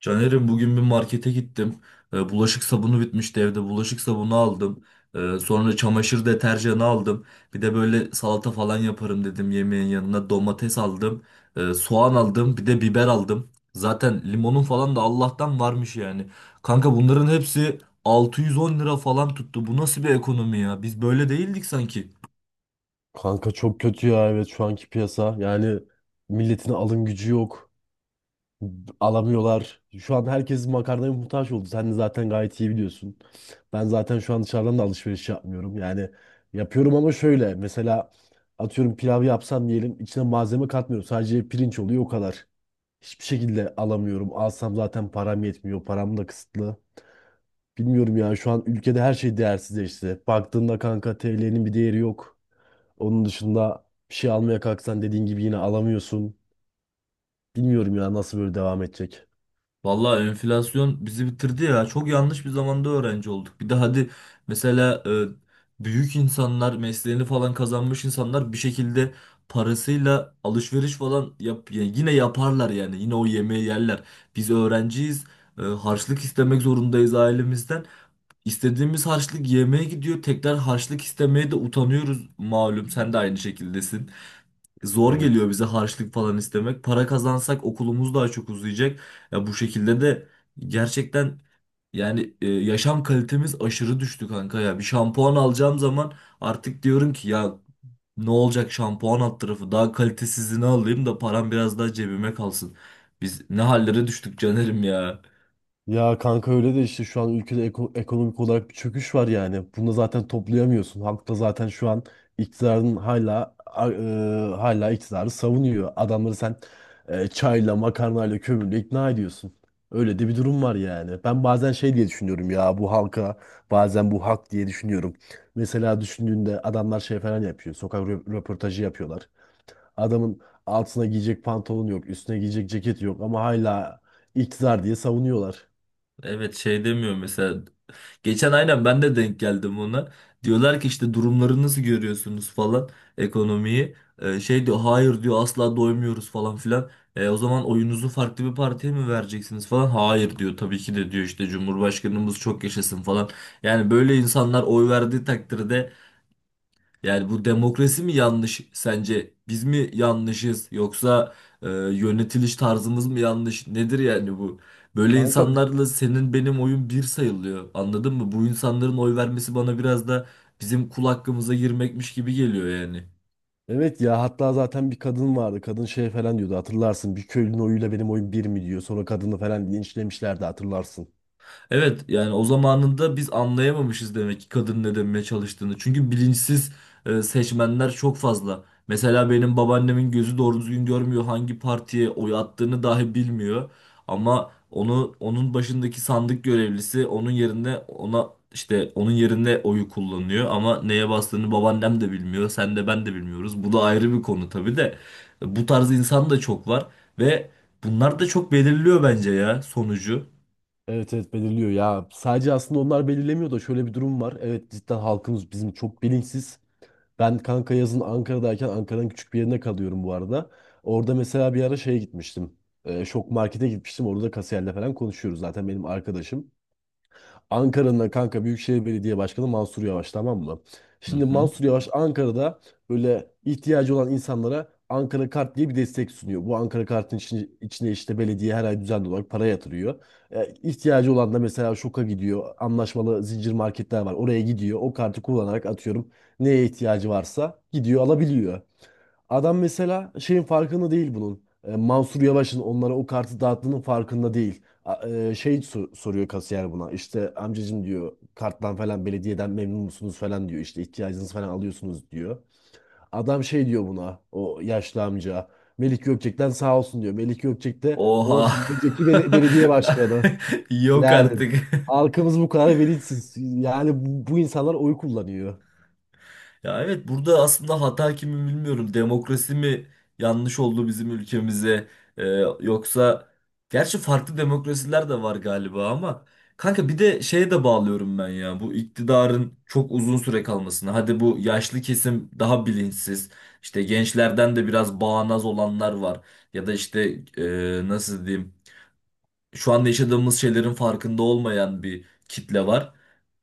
Caner'im bugün bir markete gittim. Bulaşık sabunu bitmişti evde. Bulaşık sabunu aldım. Sonra çamaşır deterjanı aldım. Bir de böyle salata falan yaparım dedim yemeğin yanına. Domates aldım. Soğan aldım. Bir de biber aldım. Zaten limonun falan da Allah'tan varmış yani. Kanka bunların hepsi 610 lira falan tuttu. Bu nasıl bir ekonomi ya? Biz böyle değildik sanki. Kanka çok kötü ya, evet, şu anki piyasa. Yani milletin alım gücü yok. Alamıyorlar. Şu an herkes makarnaya muhtaç oldu. Sen de zaten gayet iyi biliyorsun. Ben zaten şu an dışarıdan da alışveriş yapmıyorum. Yani yapıyorum ama şöyle. Mesela atıyorum pilav yapsam diyelim içine malzeme katmıyorum. Sadece pirinç oluyor o kadar. Hiçbir şekilde alamıyorum. Alsam zaten param yetmiyor. Param da kısıtlı. Bilmiyorum ya, şu an ülkede her şey değersizleşti. Baktığında kanka TL'nin bir değeri yok. Onun dışında bir şey almaya kalksan dediğin gibi yine alamıyorsun. Bilmiyorum ya nasıl böyle devam edecek. Vallahi enflasyon bizi bitirdi ya. Çok yanlış bir zamanda öğrenci olduk. Bir de hadi mesela büyük insanlar, mesleğini falan kazanmış insanlar bir şekilde parasıyla alışveriş falan yap, ya yine yaparlar yani. Yine o yemeği yerler. Biz öğrenciyiz. Harçlık istemek zorundayız ailemizden. İstediğimiz harçlık yemeğe gidiyor. Tekrar harçlık istemeye de utanıyoruz malum. Sen de aynı şekildesin. Zor geliyor Evet. bize harçlık falan istemek. Para kazansak okulumuz daha çok uzayacak. Ya bu şekilde de gerçekten yani yaşam kalitemiz aşırı düştü kanka ya. Bir şampuan alacağım zaman artık diyorum ki ya ne olacak şampuan alt tarafı daha kalitesizini alayım da param biraz daha cebime kalsın. Biz ne hallere düştük Caner'im ya. Ya kanka, öyle de işte şu an ülkede ekonomik olarak bir çöküş var yani. Bunu da zaten toplayamıyorsun. Halk da zaten şu an iktidarın hala iktidarı savunuyor. Adamları sen çayla, makarnayla, kömürle ikna ediyorsun. Öyle de bir durum var yani. Ben bazen şey diye düşünüyorum ya bu halka, bazen bu hak diye düşünüyorum. Mesela düşündüğünde adamlar şey falan yapıyor. Sokak röportajı yapıyorlar. Adamın altına giyecek pantolon yok, üstüne giyecek ceket yok ama hala iktidar diye savunuyorlar. Evet şey demiyor mesela. Geçen aynen ben de denk geldim ona. Diyorlar ki işte durumları nasıl görüyorsunuz falan ekonomiyi. Şey diyor hayır diyor asla doymuyoruz falan filan. O zaman oyunuzu farklı bir partiye mi vereceksiniz falan. Hayır diyor tabii ki de diyor işte Cumhurbaşkanımız çok yaşasın falan. Yani böyle insanlar oy verdiği takdirde yani bu demokrasi mi yanlış sence? Biz mi yanlışız yoksa yönetiliş tarzımız mı yanlış? Nedir yani bu? Böyle Kanka insanlarla senin benim oyun bir sayılıyor. Anladın mı? Bu insanların oy vermesi bana biraz da bizim kul hakkımıza girmekmiş gibi geliyor yani. evet ya, hatta zaten bir kadın vardı. Kadın şey falan diyordu, hatırlarsın. Bir köylünün oyuyla benim oyum bir mi diyor. Sonra kadını falan linçlemişlerdi, hatırlarsın. Evet yani o zamanında biz anlayamamışız demek ki kadın ne demeye çalıştığını. Çünkü bilinçsiz seçmenler çok fazla. Mesela benim babaannemin gözü doğru düzgün görmüyor hangi partiye oy attığını dahi bilmiyor. Ama onu onun başındaki sandık görevlisi onun yerine ona işte onun yerine oyu kullanıyor ama neye bastığını babaannem de bilmiyor, sen de ben de bilmiyoruz. Bu da ayrı bir konu tabii de. Bu tarz insan da çok var ve bunlar da çok belirliyor bence ya sonucu. Evet, evet, belirliyor ya. Sadece aslında onlar belirlemiyor da şöyle bir durum var. Evet, cidden halkımız bizim çok bilinçsiz. Ben kanka yazın Ankara'dayken Ankara'nın küçük bir yerine kalıyorum bu arada. Orada mesela bir ara şeye gitmiştim. Şok markete gitmiştim. Orada da kasiyerle falan konuşuyoruz. Zaten benim arkadaşım. Ankara'nın kanka Büyükşehir Belediye Başkanı Mansur Yavaş, tamam mı? Hı Şimdi hı. Mansur Yavaş Ankara'da böyle ihtiyacı olan insanlara Ankara Kart diye bir destek sunuyor. Bu Ankara Kart'ın içine işte belediye her ay düzenli olarak para yatırıyor. İhtiyacı olan da mesela Şok'a gidiyor. Anlaşmalı zincir marketler var. Oraya gidiyor. O kartı kullanarak atıyorum neye ihtiyacı varsa gidiyor alabiliyor. Adam mesela şeyin farkında değil bunun. Mansur Yavaş'ın onlara o kartı dağıttığının farkında değil. Şey soruyor kasiyer buna. İşte amcacım diyor, karttan falan belediyeden memnun musunuz falan diyor. İşte ihtiyacınızı falan alıyorsunuz diyor. Adam şey diyor buna, o yaşlı amca. Melik Gökçek'ten sağ olsun diyor. Melik Gökçek de 10 Oha. sene önceki belediye başkanı. Yok Yani artık. halkımız bu kadar bilinçsiz. Yani bu insanlar oy kullanıyor. Ya evet burada aslında hata kimi bilmiyorum. Demokrasi mi yanlış oldu bizim ülkemize? Ee, Yoksa gerçi farklı demokrasiler de var galiba ama kanka bir de şeye de bağlıyorum ben ya. Bu iktidarın çok uzun süre kalmasına. Hadi bu yaşlı kesim daha bilinçsiz. İşte gençlerden de biraz bağnaz olanlar var. Ya da işte nasıl diyeyim? Şu anda yaşadığımız şeylerin farkında olmayan bir kitle var.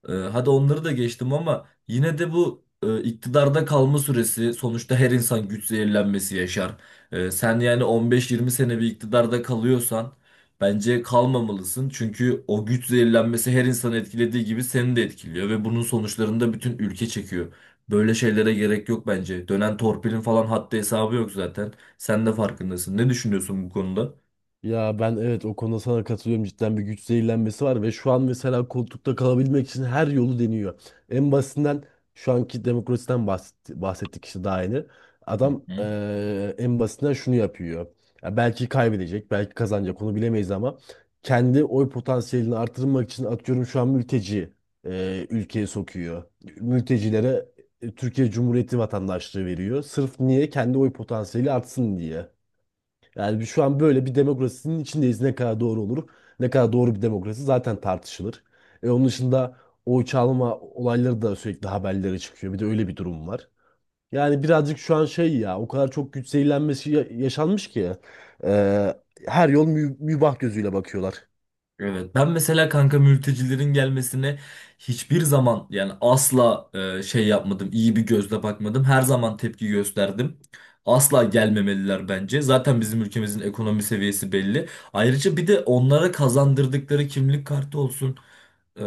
Hadi onları da geçtim ama yine de bu iktidarda kalma süresi sonuçta her insan güç zehirlenmesi yaşar. Sen yani 15-20 sene bir iktidarda kalıyorsan bence kalmamalısın. Çünkü o güç zehirlenmesi her insanı etkilediği gibi seni de etkiliyor ve bunun sonuçlarını da bütün ülke çekiyor. Böyle şeylere gerek yok bence. Dönen torpilin falan haddi hesabı yok zaten. Sen de farkındasın. Ne düşünüyorsun bu konuda? Ya ben, evet, o konuda sana katılıyorum, cidden bir güç zehirlenmesi var ve şu an mesela koltukta kalabilmek için her yolu deniyor. En basitinden şu anki demokrasiden bahsettik işte daha yeni. Hı Adam hı. En basitinden şunu yapıyor. Ya belki kaybedecek belki kazanacak, onu bilemeyiz, ama kendi oy potansiyelini artırmak için atıyorum şu an mülteci ülkeye sokuyor. Mültecilere Türkiye Cumhuriyeti vatandaşlığı veriyor. Sırf niye? Kendi oy potansiyeli artsın diye. Yani şu an böyle bir demokrasinin içindeyiz. Ne kadar doğru olur, ne kadar doğru bir demokrasi zaten tartışılır. Onun dışında oy çalma olayları da sürekli haberlere çıkıyor. Bir de öyle bir durum var. Yani birazcık şu an şey ya, o kadar çok güç zehirlenmesi yaşanmış ki e, her yol mübah gözüyle bakıyorlar. Evet ben mesela kanka mültecilerin gelmesine hiçbir zaman yani asla şey yapmadım iyi bir gözle bakmadım her zaman tepki gösterdim. Asla gelmemeliler bence. Zaten bizim ülkemizin ekonomi seviyesi belli. Ayrıca bir de onlara kazandırdıkları kimlik kartı olsun. e,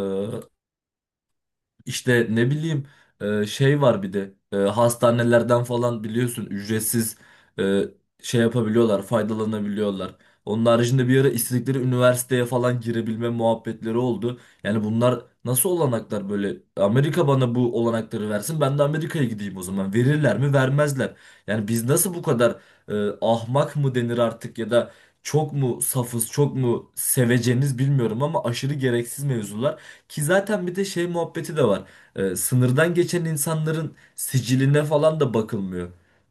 işte ne bileyim şey var bir de hastanelerden falan biliyorsun ücretsiz e, şey yapabiliyorlar, faydalanabiliyorlar. Onun haricinde bir ara istedikleri üniversiteye falan girebilme muhabbetleri oldu. Yani bunlar nasıl olanaklar böyle? Amerika bana bu olanakları versin, ben de Amerika'ya gideyim o zaman. Verirler mi? Vermezler. Yani biz nasıl bu kadar ahmak mı denir artık ya da çok mu safız, çok mu seveceniz bilmiyorum ama aşırı gereksiz mevzular. Ki zaten bir de şey muhabbeti de var. Sınırdan geçen insanların siciline falan da bakılmıyor.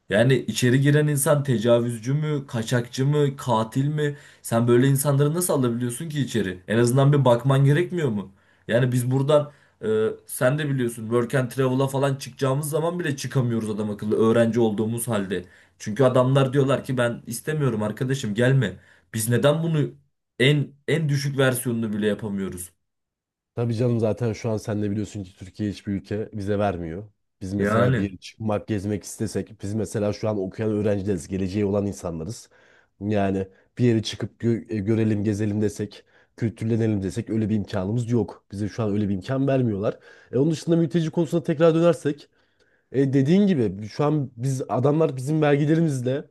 Yani içeri giren insan tecavüzcü mü, kaçakçı mı, katil mi? Sen böyle insanları nasıl alabiliyorsun ki içeri? En azından bir bakman gerekmiyor mu? Yani biz buradan sen de biliyorsun work and travel'a falan çıkacağımız zaman bile çıkamıyoruz adam akıllı öğrenci olduğumuz halde. Çünkü adamlar diyorlar ki ben istemiyorum arkadaşım gelme. Biz neden bunu en düşük versiyonunu bile yapamıyoruz? Tabii canım, zaten şu an sen de biliyorsun ki Türkiye hiçbir ülke vize vermiyor. Biz mesela bir Yani. yere çıkmak, gezmek istesek, biz mesela şu an okuyan öğrencileriz, geleceği olan insanlarız. Yani bir yere çıkıp görelim, gezelim desek, kültürlenelim desek öyle bir imkanımız yok. Bize şu an öyle bir imkan vermiyorlar. Onun dışında mülteci konusuna tekrar dönersek, dediğin gibi şu an biz adamlar bizim vergilerimizle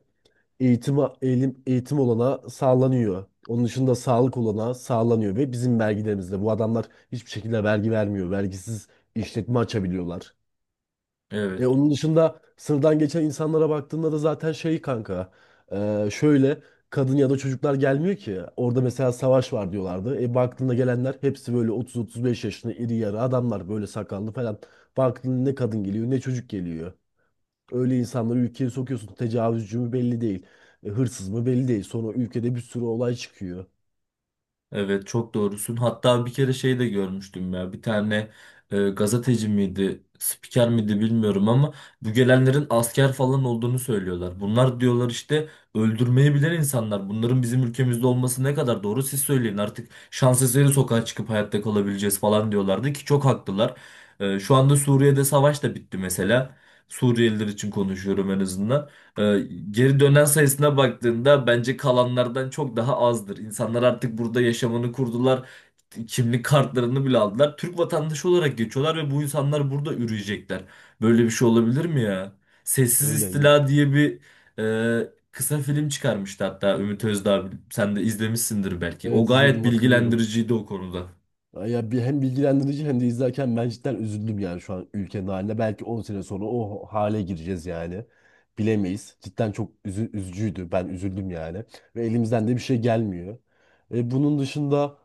eğitim, eğilim, eğitim olana sağlanıyor. Onun dışında sağlık olana sağlanıyor, ve bizim vergilerimizle. Bu adamlar hiçbir şekilde vergi vermiyor. Vergisiz işletme açabiliyorlar. Evet, Onun dışında sınırdan geçen insanlara baktığında da zaten şey kanka. Şöyle kadın ya da çocuklar gelmiyor ki. Orada mesela savaş var diyorlardı. Baktığında gelenler hepsi böyle 30-35 yaşında iri yarı adamlar, böyle sakallı falan. Baktığında ne kadın geliyor ne çocuk geliyor. Öyle insanları ülkeye sokuyorsun. Tecavüzcü mü belli değil. Hırsız mı belli değil. Sonra ülkede bir sürü olay çıkıyor. evet çok doğrusun. Hatta bir kere şey de görmüştüm ya. Bir tane gazeteci miydi, spiker miydi bilmiyorum ama bu gelenlerin asker falan olduğunu söylüyorlar. Bunlar diyorlar işte öldürmeyi bilen insanlar. Bunların bizim ülkemizde olması ne kadar doğru siz söyleyin. Artık şans eseri sokağa çıkıp hayatta kalabileceğiz falan diyorlardı ki çok haklılar. Şu anda Suriye'de savaş da bitti mesela. Suriyeliler için konuşuyorum en azından. Ee, Geri dönen sayısına baktığında bence kalanlardan çok daha azdır. İnsanlar artık burada yaşamını kurdular. Kimlik kartlarını bile aldılar. Türk vatandaşı olarak geçiyorlar ve bu insanlar burada üreyecekler. Böyle bir şey olabilir mi ya? Sessiz Öyle. İstila diye bir kısa film çıkarmıştı hatta Ümit Özdağ. Sen de izlemişsindir belki. O Evet, gayet izledim, hatırlıyorum. bilgilendiriciydi o konuda. Ya bir hem bilgilendirici hem de izlerken ben cidden üzüldüm yani şu an ülkenin haline. Belki 10 sene sonra o hale gireceğiz yani. Bilemeyiz. Cidden çok üzücüydü. Ben üzüldüm yani. Ve elimizden de bir şey gelmiyor. Bunun dışında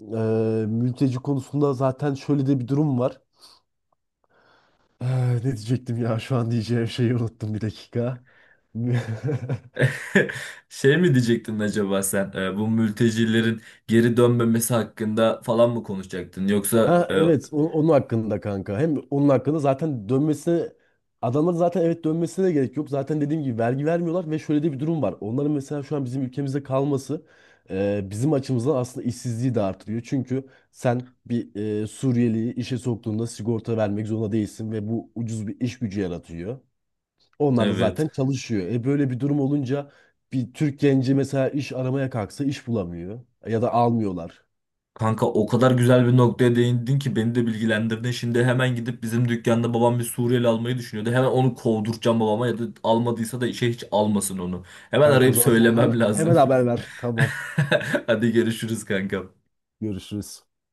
mülteci konusunda zaten şöyle de bir durum var. Ah, ne diyecektim ya, şu an diyeceğim şeyi unuttum bir dakika. Şey mi diyecektin acaba sen? Bu mültecilerin geri dönmemesi hakkında falan mı konuşacaktın? Yoksa Ha, evet, onun hakkında kanka. Hem onun hakkında zaten dönmesine, adamların zaten, evet, dönmesine de gerek yok. Zaten dediğim gibi vergi vermiyorlar ve şöyle de bir durum var. Onların mesela şu an bizim ülkemizde kalması bizim açımızdan aslında işsizliği de artırıyor. Çünkü sen bir Suriyeliyi işe soktuğunda sigorta vermek zorunda değilsin ve bu ucuz bir iş gücü yaratıyor. Onlar da Evet. zaten çalışıyor. Böyle bir durum olunca bir Türk genci mesela iş aramaya kalksa iş bulamıyor. Ya da almıyorlar. Kanka o kadar güzel bir noktaya değindin ki beni de bilgilendirdin. Şimdi hemen gidip bizim dükkanda babam bir Suriyeli almayı düşünüyordu. Hemen onu kovduracağım babama ya da almadıysa da işe hiç almasın onu. Hemen Kanka o arayıp zaman sen söylemem hemen lazım. haber ver. Tamam. Hadi görüşürüz kanka. Görüşürüz.